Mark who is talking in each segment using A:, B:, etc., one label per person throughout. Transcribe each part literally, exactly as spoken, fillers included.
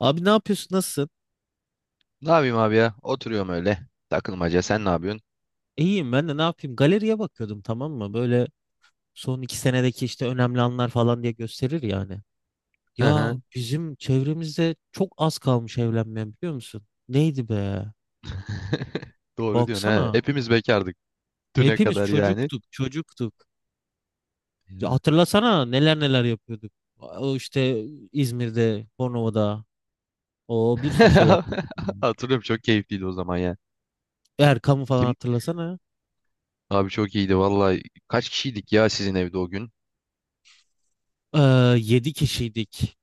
A: Abi ne yapıyorsun? Nasılsın?
B: Ne yapayım abi ya? Oturuyorum öyle. Takılmaca. Sen ne yapıyorsun?
A: İyiyim ben de ne yapayım? Galeriye bakıyordum tamam mı? Böyle son iki senedeki işte önemli anlar falan diye gösterir yani.
B: Hı
A: Ya
B: hı.
A: bizim çevremizde çok az kalmış evlenmeyen biliyor musun? Neydi be?
B: Doğru diyorsun he.
A: Baksana.
B: Hepimiz bekardık düne
A: Hepimiz
B: kadar yani.
A: çocuktuk, çocuktuk. Ya
B: Ya.
A: hatırlasana neler neler yapıyorduk. O işte İzmir'de, Bornova'da o bir sürü şey yaptık.
B: Hatırlıyorum, çok keyifliydi o zaman ya.
A: Erkam'ı falan
B: Kim?
A: hatırlasana.
B: Abi çok iyiydi vallahi. Kaç kişiydik ya sizin evde o gün?
A: Ee, Yedi kişiydik.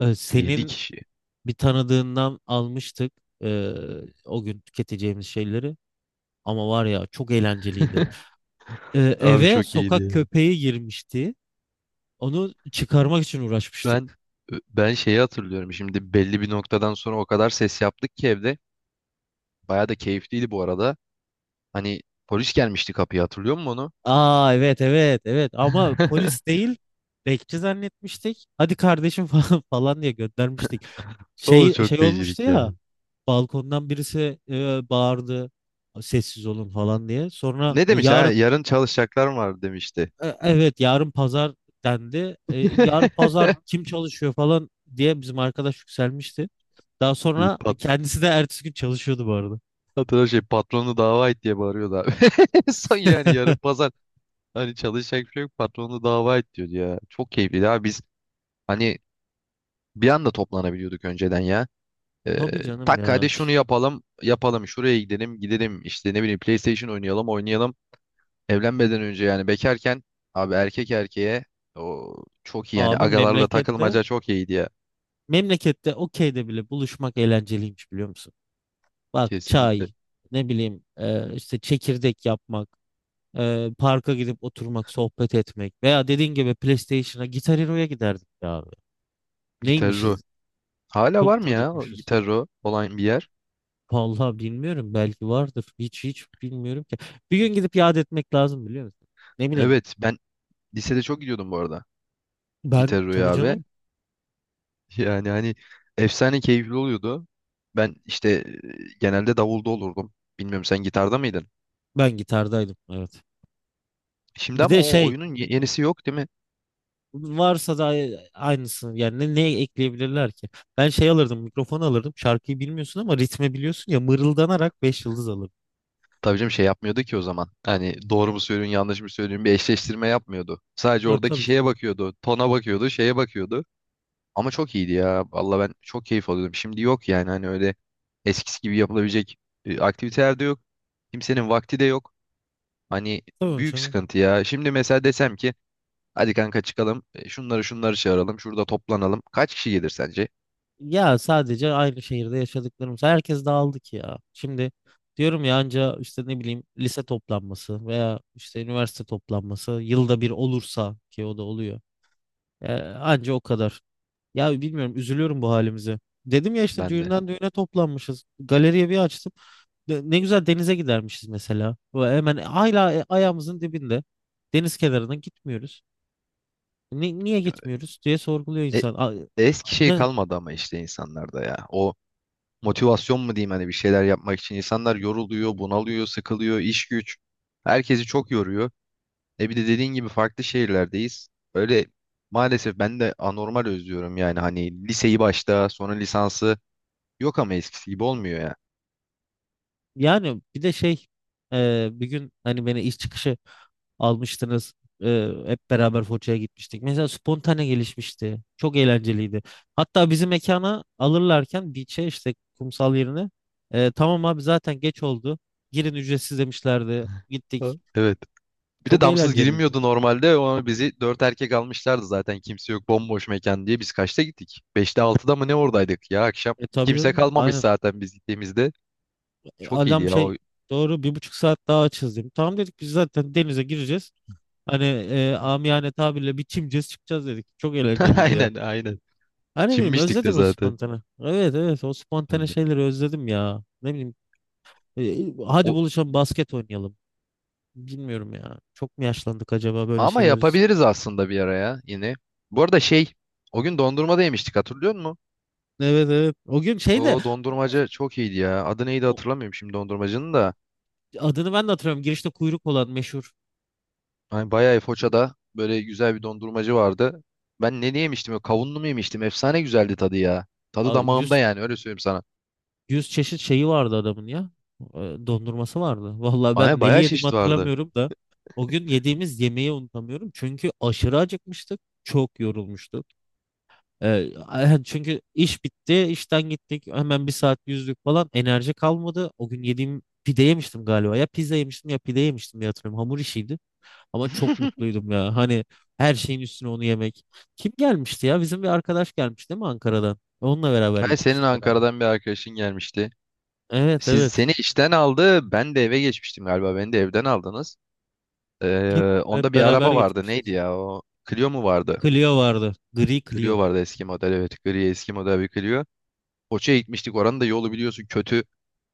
A: Ee,
B: Yedi
A: senin
B: kişi.
A: bir tanıdığından almıştık, e, o gün tüketeceğimiz şeyleri. Ama var ya çok eğlenceliydi. E,
B: Abi
A: eve
B: çok
A: sokak
B: iyiydi.
A: köpeği girmişti. Onu çıkarmak için
B: Ben
A: uğraşmıştık.
B: ben şeyi hatırlıyorum. Şimdi belli bir noktadan sonra o kadar ses yaptık ki evde. Baya da keyifliydi bu arada. Hani polis gelmişti kapıya, hatırlıyor musun onu?
A: Aa evet evet evet, ama polis değil bekçi zannetmiştik. Hadi kardeşim falan falan diye göndermiştik.
B: O
A: Şey
B: çok
A: şey olmuştu
B: fecilik ya.
A: ya, balkondan birisi e, bağırdı, sessiz olun falan diye. Sonra
B: Ne
A: e,
B: demiş ha?
A: yarın,
B: Yarın çalışacaklar mı var demişti.
A: E, Evet yarın pazar dendi. E, yarın pazar kim çalışıyor falan diye bizim arkadaş yükselmişti. Daha
B: Bir
A: sonra
B: pat
A: kendisi de ertesi gün çalışıyordu bu arada.
B: hatırla, şey, patronu dava et diye bağırıyordu abi. Son yani yarın pazar, hani çalışacak bir şey yok, patronu dava et diyordu ya. Çok keyifliydi abi, biz hani bir anda toplanabiliyorduk önceden ya. Ee,
A: Tabii canım
B: tak
A: ya.
B: hadi şunu
A: Ş-
B: yapalım yapalım, şuraya gidelim gidelim, işte ne bileyim PlayStation oynayalım oynayalım. Evlenmeden önce yani bekarken, abi erkek erkeğe, o çok iyi yani,
A: Abi
B: agalarla
A: memlekette,
B: takılmaca çok iyiydi ya.
A: memlekette okeyde bile buluşmak eğlenceliymiş biliyor musun? Bak
B: Kesinlikle.
A: çay, ne bileyim, e, işte çekirdek yapmak, e, parka gidip oturmak, sohbet etmek, veya dediğin gibi PlayStation'a, Guitar Hero'ya giderdik ya abi.
B: Gitarro.
A: Neymişiz?
B: Hala var
A: Çok
B: mı ya o
A: çocukmuşuz.
B: Gitarro olan bir yer?
A: Vallahi bilmiyorum, belki vardır. Hiç hiç bilmiyorum ki. Bir gün gidip yad etmek lazım biliyor musun? Ne bileyim.
B: Evet, ben lisede çok gidiyordum bu arada
A: Ben, tabii
B: Gitarro'ya abi.
A: canım,
B: Yani hani efsane keyifli oluyordu. Ben işte e, genelde davulda olurdum. Bilmiyorum, sen gitarda mıydın?
A: ben gitardaydım, evet.
B: Şimdi
A: Bir
B: ama
A: de
B: o
A: şey,
B: oyunun ye- yenisi yok değil mi?
A: varsa da ay- aynısını, yani ne, ne ekleyebilirler ki? Ben şey alırdım, mikrofon alırdım, şarkıyı bilmiyorsun ama ritmi biliyorsun ya, mırıldanarak beş yıldız alırdım.
B: Tabii canım, şey yapmıyordu ki o zaman. Hani doğru mu söylüyorsun yanlış mı söylüyorsun bir eşleştirme yapmıyordu. Sadece
A: Evet,
B: oradaki
A: tabii
B: şeye
A: canım.
B: bakıyordu. Tona bakıyordu, şeye bakıyordu. Ama çok iyiydi ya. Valla ben çok keyif alıyordum. Şimdi yok yani, hani öyle eskisi gibi yapılabilecek e, aktiviteler de yok. Kimsenin vakti de yok. Hani
A: Tabii
B: büyük
A: canım.
B: sıkıntı ya. Şimdi mesela desem ki hadi kanka çıkalım, e, şunları şunları çağıralım, şurada toplanalım. Kaç kişi gelir sence?
A: Ya sadece aynı şehirde yaşadıklarımız. Herkes dağıldı ki ya. Şimdi diyorum ya, anca işte ne bileyim lise toplanması veya işte üniversite toplanması yılda bir olursa, ki o da oluyor. Ee, Anca o kadar. Ya bilmiyorum, üzülüyorum bu halimize. Dedim ya, işte
B: Ben de.
A: düğünden düğüne toplanmışız. Galeriye bir açtım. Ne ne güzel denize gidermişiz mesela. Ve hemen hala, e, ayağımızın dibinde. Deniz kenarına gitmiyoruz. Ni- niye gitmiyoruz diye sorguluyor
B: E,
A: insan. A-
B: eski şey
A: Ne,
B: kalmadı ama işte insanlarda ya. O motivasyon mu diyeyim, hani bir şeyler yapmak için. İnsanlar yoruluyor, bunalıyor, sıkılıyor, iş güç. Herkesi çok yoruyor. E bir de dediğin gibi farklı şehirlerdeyiz. Öyle, maalesef ben de anormal özlüyorum yani, hani liseyi başta, sonra lisansı, yok ama eskisi gibi olmuyor ya.
A: Yani bir de şey, e, bir gün hani beni iş çıkışı almıştınız. E, hep beraber Foça'ya gitmiştik. Mesela spontane gelişmişti. Çok eğlenceliydi. Hatta bizi mekana alırlarken beach'e, işte kumsal yerine, e, tamam abi zaten geç oldu, girin ücretsiz demişlerdi.
B: Ha,
A: Gittik.
B: evet. Bir de
A: Çok
B: damsız
A: eğlenceliydi.
B: girilmiyordu normalde ama bizi dört erkek almışlardı, zaten kimse yok, bomboş mekan diye. Biz kaçta gittik? Beşte altıda mı, ne, oradaydık ya akşam?
A: E tabii
B: Kimse
A: canım.
B: kalmamış
A: Aynen.
B: zaten biz gittiğimizde.
A: E,
B: Çok iyiydi
A: adam
B: ya o.
A: şey, doğru, bir buçuk saat daha açız dedim. Tamam dedik, biz zaten denize gireceğiz. Hani, e, amiyane tabirle, bir çimeceğiz çıkacağız dedik. Çok eğlenceliydi ya.
B: Aynen, aynen.
A: Ha, ne bileyim,
B: Çinmiştik de
A: özledim o
B: zaten.
A: spontane. Evet evet, o spontane
B: Ben de.
A: şeyleri özledim ya. Ne bileyim, e, hadi
B: O,
A: buluşalım, basket oynayalım. Bilmiyorum ya. Çok mu yaşlandık acaba böyle
B: Ama
A: şeyler için?
B: yapabiliriz aslında bir ara ya yine. Bu arada şey, o gün dondurma da yemiştik, hatırlıyor musun?
A: Evet evet. O gün şey de,
B: O dondurmacı çok iyiydi ya. Adı neydi,
A: o-
B: hatırlamıyorum şimdi dondurmacının da.
A: adını ben de hatırlıyorum. Girişte kuyruk olan meşhur,
B: Hani bayağı Foça'da böyle güzel bir dondurmacı vardı. Ben ne yemiştim ya? Kavunlu mu yemiştim? Efsane güzeldi tadı ya. Tadı
A: a,
B: damağımda,
A: yüz
B: yani öyle söyleyeyim sana.
A: 100 çeşit şeyi vardı adamın ya. E, Dondurması vardı. Vallahi ben
B: Ay,
A: neli
B: bayağı
A: yediğimi
B: çeşit vardı.
A: hatırlamıyorum da, o gün yediğimiz yemeği unutamıyorum. Çünkü aşırı acıkmıştık. Çok yorulmuştuk. Ee, a- çünkü iş bitti, işten gittik. Hemen bir saat yüzdük falan. Enerji kalmadı. O gün yediğim, pide yemiştim galiba. Ya pizza yemiştim ya pide yemiştim diye hatırlıyorum. Hamur işiydi. Ama çok mutluydum ya. Hani, her şeyin üstüne onu yemek. Kim gelmişti ya? Bizim bir arkadaş gelmiş değil mi Ankara'dan? Onunla beraber
B: Hani senin
A: gitmiştik herhalde.
B: Ankara'dan bir arkadaşın gelmişti.
A: Evet
B: Siz
A: evet.
B: seni işten aldı. Ben de eve geçmiştim galiba. Beni de evden aldınız.
A: Hep,
B: Ee, onda
A: hep
B: bir
A: beraber
B: araba vardı. Neydi
A: gitmiştik.
B: ya o? Clio mu vardı?
A: Clio vardı. Gri
B: Clio
A: Clio.
B: vardı eski model, evet. Gri eski model bir Clio. Foça'ya gitmiştik. Oranın da yolu biliyorsun kötü.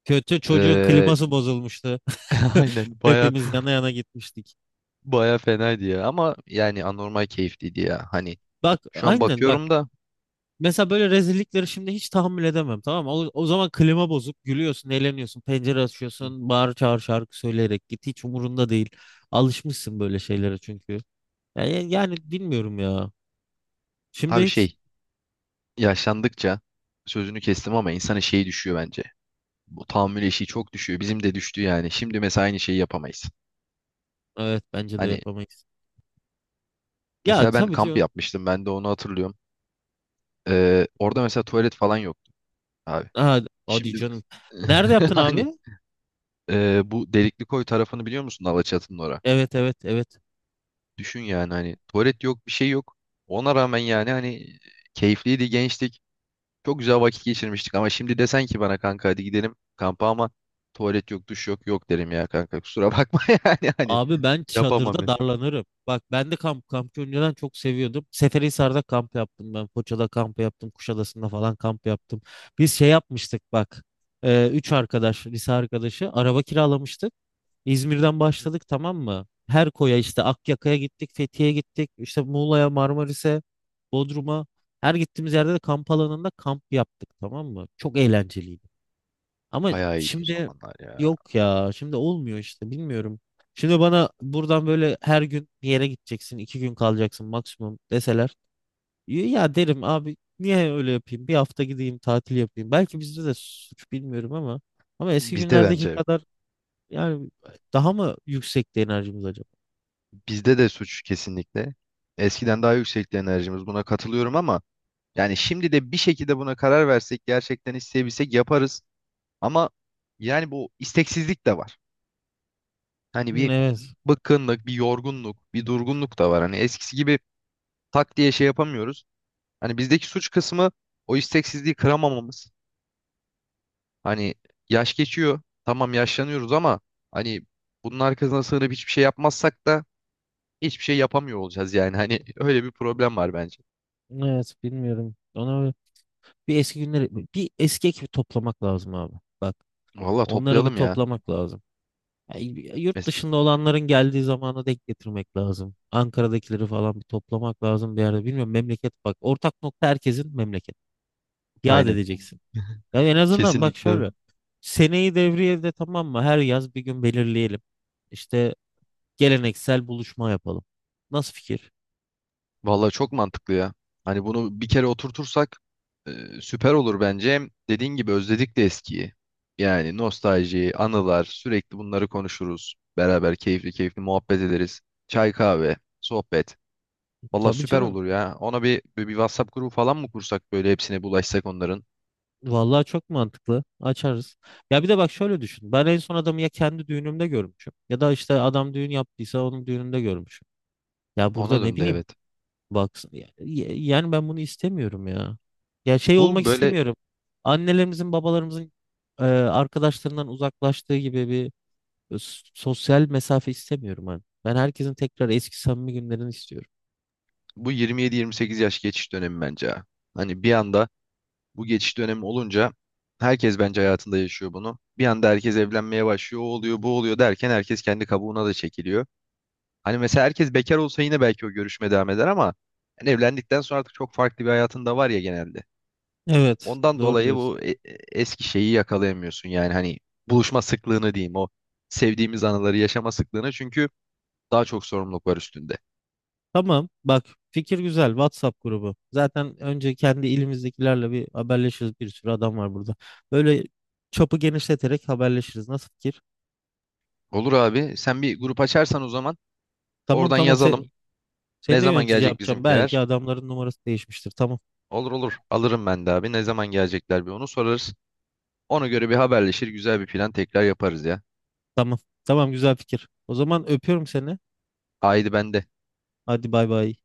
A: Kötü, çocuğun
B: Ee,
A: kliması bozulmuştu.
B: aynen baya,
A: Hepimiz yana yana gitmiştik.
B: baya fenaydı ya. Ama yani anormal keyifliydi ya. Hani
A: Bak
B: şu an
A: aynen bak.
B: bakıyorum da
A: Mesela böyle rezillikleri şimdi hiç tahammül edemem, tamam mı? O, o zaman klima bozuk, gülüyorsun, eğleniyorsun, pencere
B: hı,
A: açıyorsun, bağır çağır şarkı söyleyerek git, hiç umurunda değil. Alışmışsın böyle şeylere çünkü. Yani, yani bilmiyorum ya. Şimdi
B: abi,
A: hiç,
B: şey, yaşlandıkça, sözünü kestim ama, insanın şeyi düşüyor bence. Bu tahammül eşiği çok düşüyor. Bizim de düştü yani. Şimdi mesela aynı şeyi yapamayız.
A: evet, bence de
B: Hani
A: yapamayız. Ya
B: mesela ben
A: tabii
B: kamp
A: diyorum.
B: yapmıştım. Ben de onu hatırlıyorum. Ee, orada mesela tuvalet falan yoktu abi.
A: Ha, hadi
B: Şimdi
A: canım. Nerede yaptın abi?
B: hani, Ee, bu delikli koy tarafını biliyor musun, Alaçatı'nın ora?
A: Evet evet evet.
B: Düşün yani, hani tuvalet yok, bir şey yok. Ona rağmen yani, hani keyifliydi, gençtik. Çok güzel vakit geçirmiştik ama şimdi desen ki bana kanka hadi gidelim kampa, ama tuvalet yok, duş yok, yok derim ya kanka, kusura bakma. Yani hani
A: Abi ben
B: yapamam
A: çadırda
B: ben.
A: darlanırım. Bak, ben de kamp kampı önceden çok seviyordum. Seferihisar'da kamp yaptım ben. Foça'da kamp yaptım. Kuşadası'nda falan kamp yaptım. Biz şey yapmıştık bak. E, üç arkadaş, lise arkadaşı, araba kiralamıştık. İzmir'den başladık tamam mı? Her koya, işte Akyaka'ya gittik, Fethiye'ye gittik, işte Muğla'ya, Marmaris'e, Bodrum'a. Her gittiğimiz yerde de kamp alanında kamp yaptık, tamam mı? Çok eğlenceliydi. Ama
B: Bayağı iyiydi o
A: şimdi
B: zamanlar ya.
A: yok ya, şimdi olmuyor işte, bilmiyorum. Şimdi bana buradan böyle her gün bir yere gideceksin, iki gün kalacaksın maksimum deseler. Ya derim abi niye öyle yapayım? Bir hafta gideyim tatil yapayım. Belki bizde de suç, bilmiyorum, ama ama eski
B: Bizde
A: günlerdeki
B: bence
A: kadar, yani daha mı yüksekti enerjimiz acaba?
B: bizde de suç, kesinlikle. Eskiden daha yüksekti enerjimiz, buna katılıyorum ama yani şimdi de bir şekilde buna karar versek, gerçekten isteyebilsek yaparız. Ama yani bu isteksizlik de var. Hani
A: Hmm,
B: bir
A: evet.
B: bıkkınlık, bir yorgunluk, bir durgunluk da var. Hani eskisi gibi tak diye şey yapamıyoruz. Hani bizdeki suç kısmı o isteksizliği kıramamamız. Hani yaş geçiyor. Tamam, yaşlanıyoruz ama hani bunun arkasına sığınıp hiçbir şey yapmazsak da hiçbir şey yapamıyor olacağız yani. Hani öyle bir problem var bence.
A: Evet, bilmiyorum. Ona Bir eski günleri Bir eski ekibi toplamak lazım abi. Bak,
B: Vallahi
A: onları bir
B: toplayalım ya.
A: toplamak lazım. Yani yurt
B: Mes-
A: dışında olanların geldiği zamana denk getirmek lazım. Ankara'dakileri falan bir toplamak lazım bir yerde. Bilmiyorum, memleket, bak, ortak nokta herkesin, memleket. Yad
B: Aynen.
A: edeceksin. Ya en azından bak
B: Kesinlikle.
A: şöyle. Seneyi devriyede, tamam mı? Her yaz bir gün belirleyelim. İşte geleneksel buluşma yapalım. Nasıl fikir?
B: Vallahi çok mantıklı ya. Hani bunu bir kere oturtursak e, süper olur bence. Hem dediğin gibi özledik de eskiyi. Yani nostalji, anılar, sürekli bunları konuşuruz. Beraber keyifli keyifli muhabbet ederiz. Çay kahve, sohbet. Vallahi
A: Tabii
B: süper
A: canım.
B: olur ya. Ona bir, bir, bir WhatsApp grubu falan mı kursak, böyle hepsine bulaşsak onların?
A: Vallahi çok mantıklı. Açarız. Ya bir de bak şöyle düşün. Ben en son adamı ya kendi düğünümde görmüşüm. Ya da işte adam düğün yaptıysa onun düğününde görmüşüm. Ya burada
B: Ona
A: ne
B: döndü,
A: bileyim.
B: evet.
A: Bak, ya- ya- yani ben bunu istemiyorum ya. Ya şey
B: Bu
A: olmak
B: böyle
A: istemiyorum. Annelerimizin, babalarımızın e, arkadaşlarından uzaklaştığı gibi bir s- sosyal mesafe istemiyorum ben. Ben herkesin tekrar eski samimi günlerini istiyorum.
B: bu yirmi yedi yirmi sekiz yaş geçiş dönemi bence ha. Hani bir anda bu geçiş dönemi olunca herkes bence hayatında yaşıyor bunu. Bir anda herkes evlenmeye başlıyor, o oluyor, bu oluyor derken herkes kendi kabuğuna da çekiliyor. Hani mesela herkes bekar olsa yine belki o görüşme devam eder ama hani evlendikten sonra artık çok farklı bir hayatın da var ya genelde.
A: Evet,
B: Ondan
A: doğru
B: dolayı bu
A: diyorsun.
B: e- e- eski şeyi yakalayamıyorsun yani, hani buluşma sıklığını diyeyim, o sevdiğimiz anıları yaşama sıklığını, çünkü daha çok sorumluluk var üstünde.
A: Tamam, bak, fikir güzel. WhatsApp grubu. Zaten önce kendi ilimizdekilerle bir haberleşiriz. Bir sürü adam var burada. Böyle çapı genişleterek haberleşiriz. Nasıl fikir?
B: Olur abi, sen bir grup açarsan o zaman
A: Tamam
B: oradan
A: tamam,
B: yazalım.
A: sen, seni
B: Ne
A: de
B: zaman
A: yönetici
B: gelecek
A: yapacağım. Belki
B: bizimkiler?
A: adamların numarası değişmiştir. Tamam
B: Olur olur. Alırım ben de abi. Ne zaman gelecekler bir onu sorarız. Ona göre bir haberleşir. Güzel bir plan tekrar yaparız ya.
A: tamam. Tamam, güzel fikir. O zaman öpüyorum seni.
B: Haydi ben de
A: Hadi bay bay.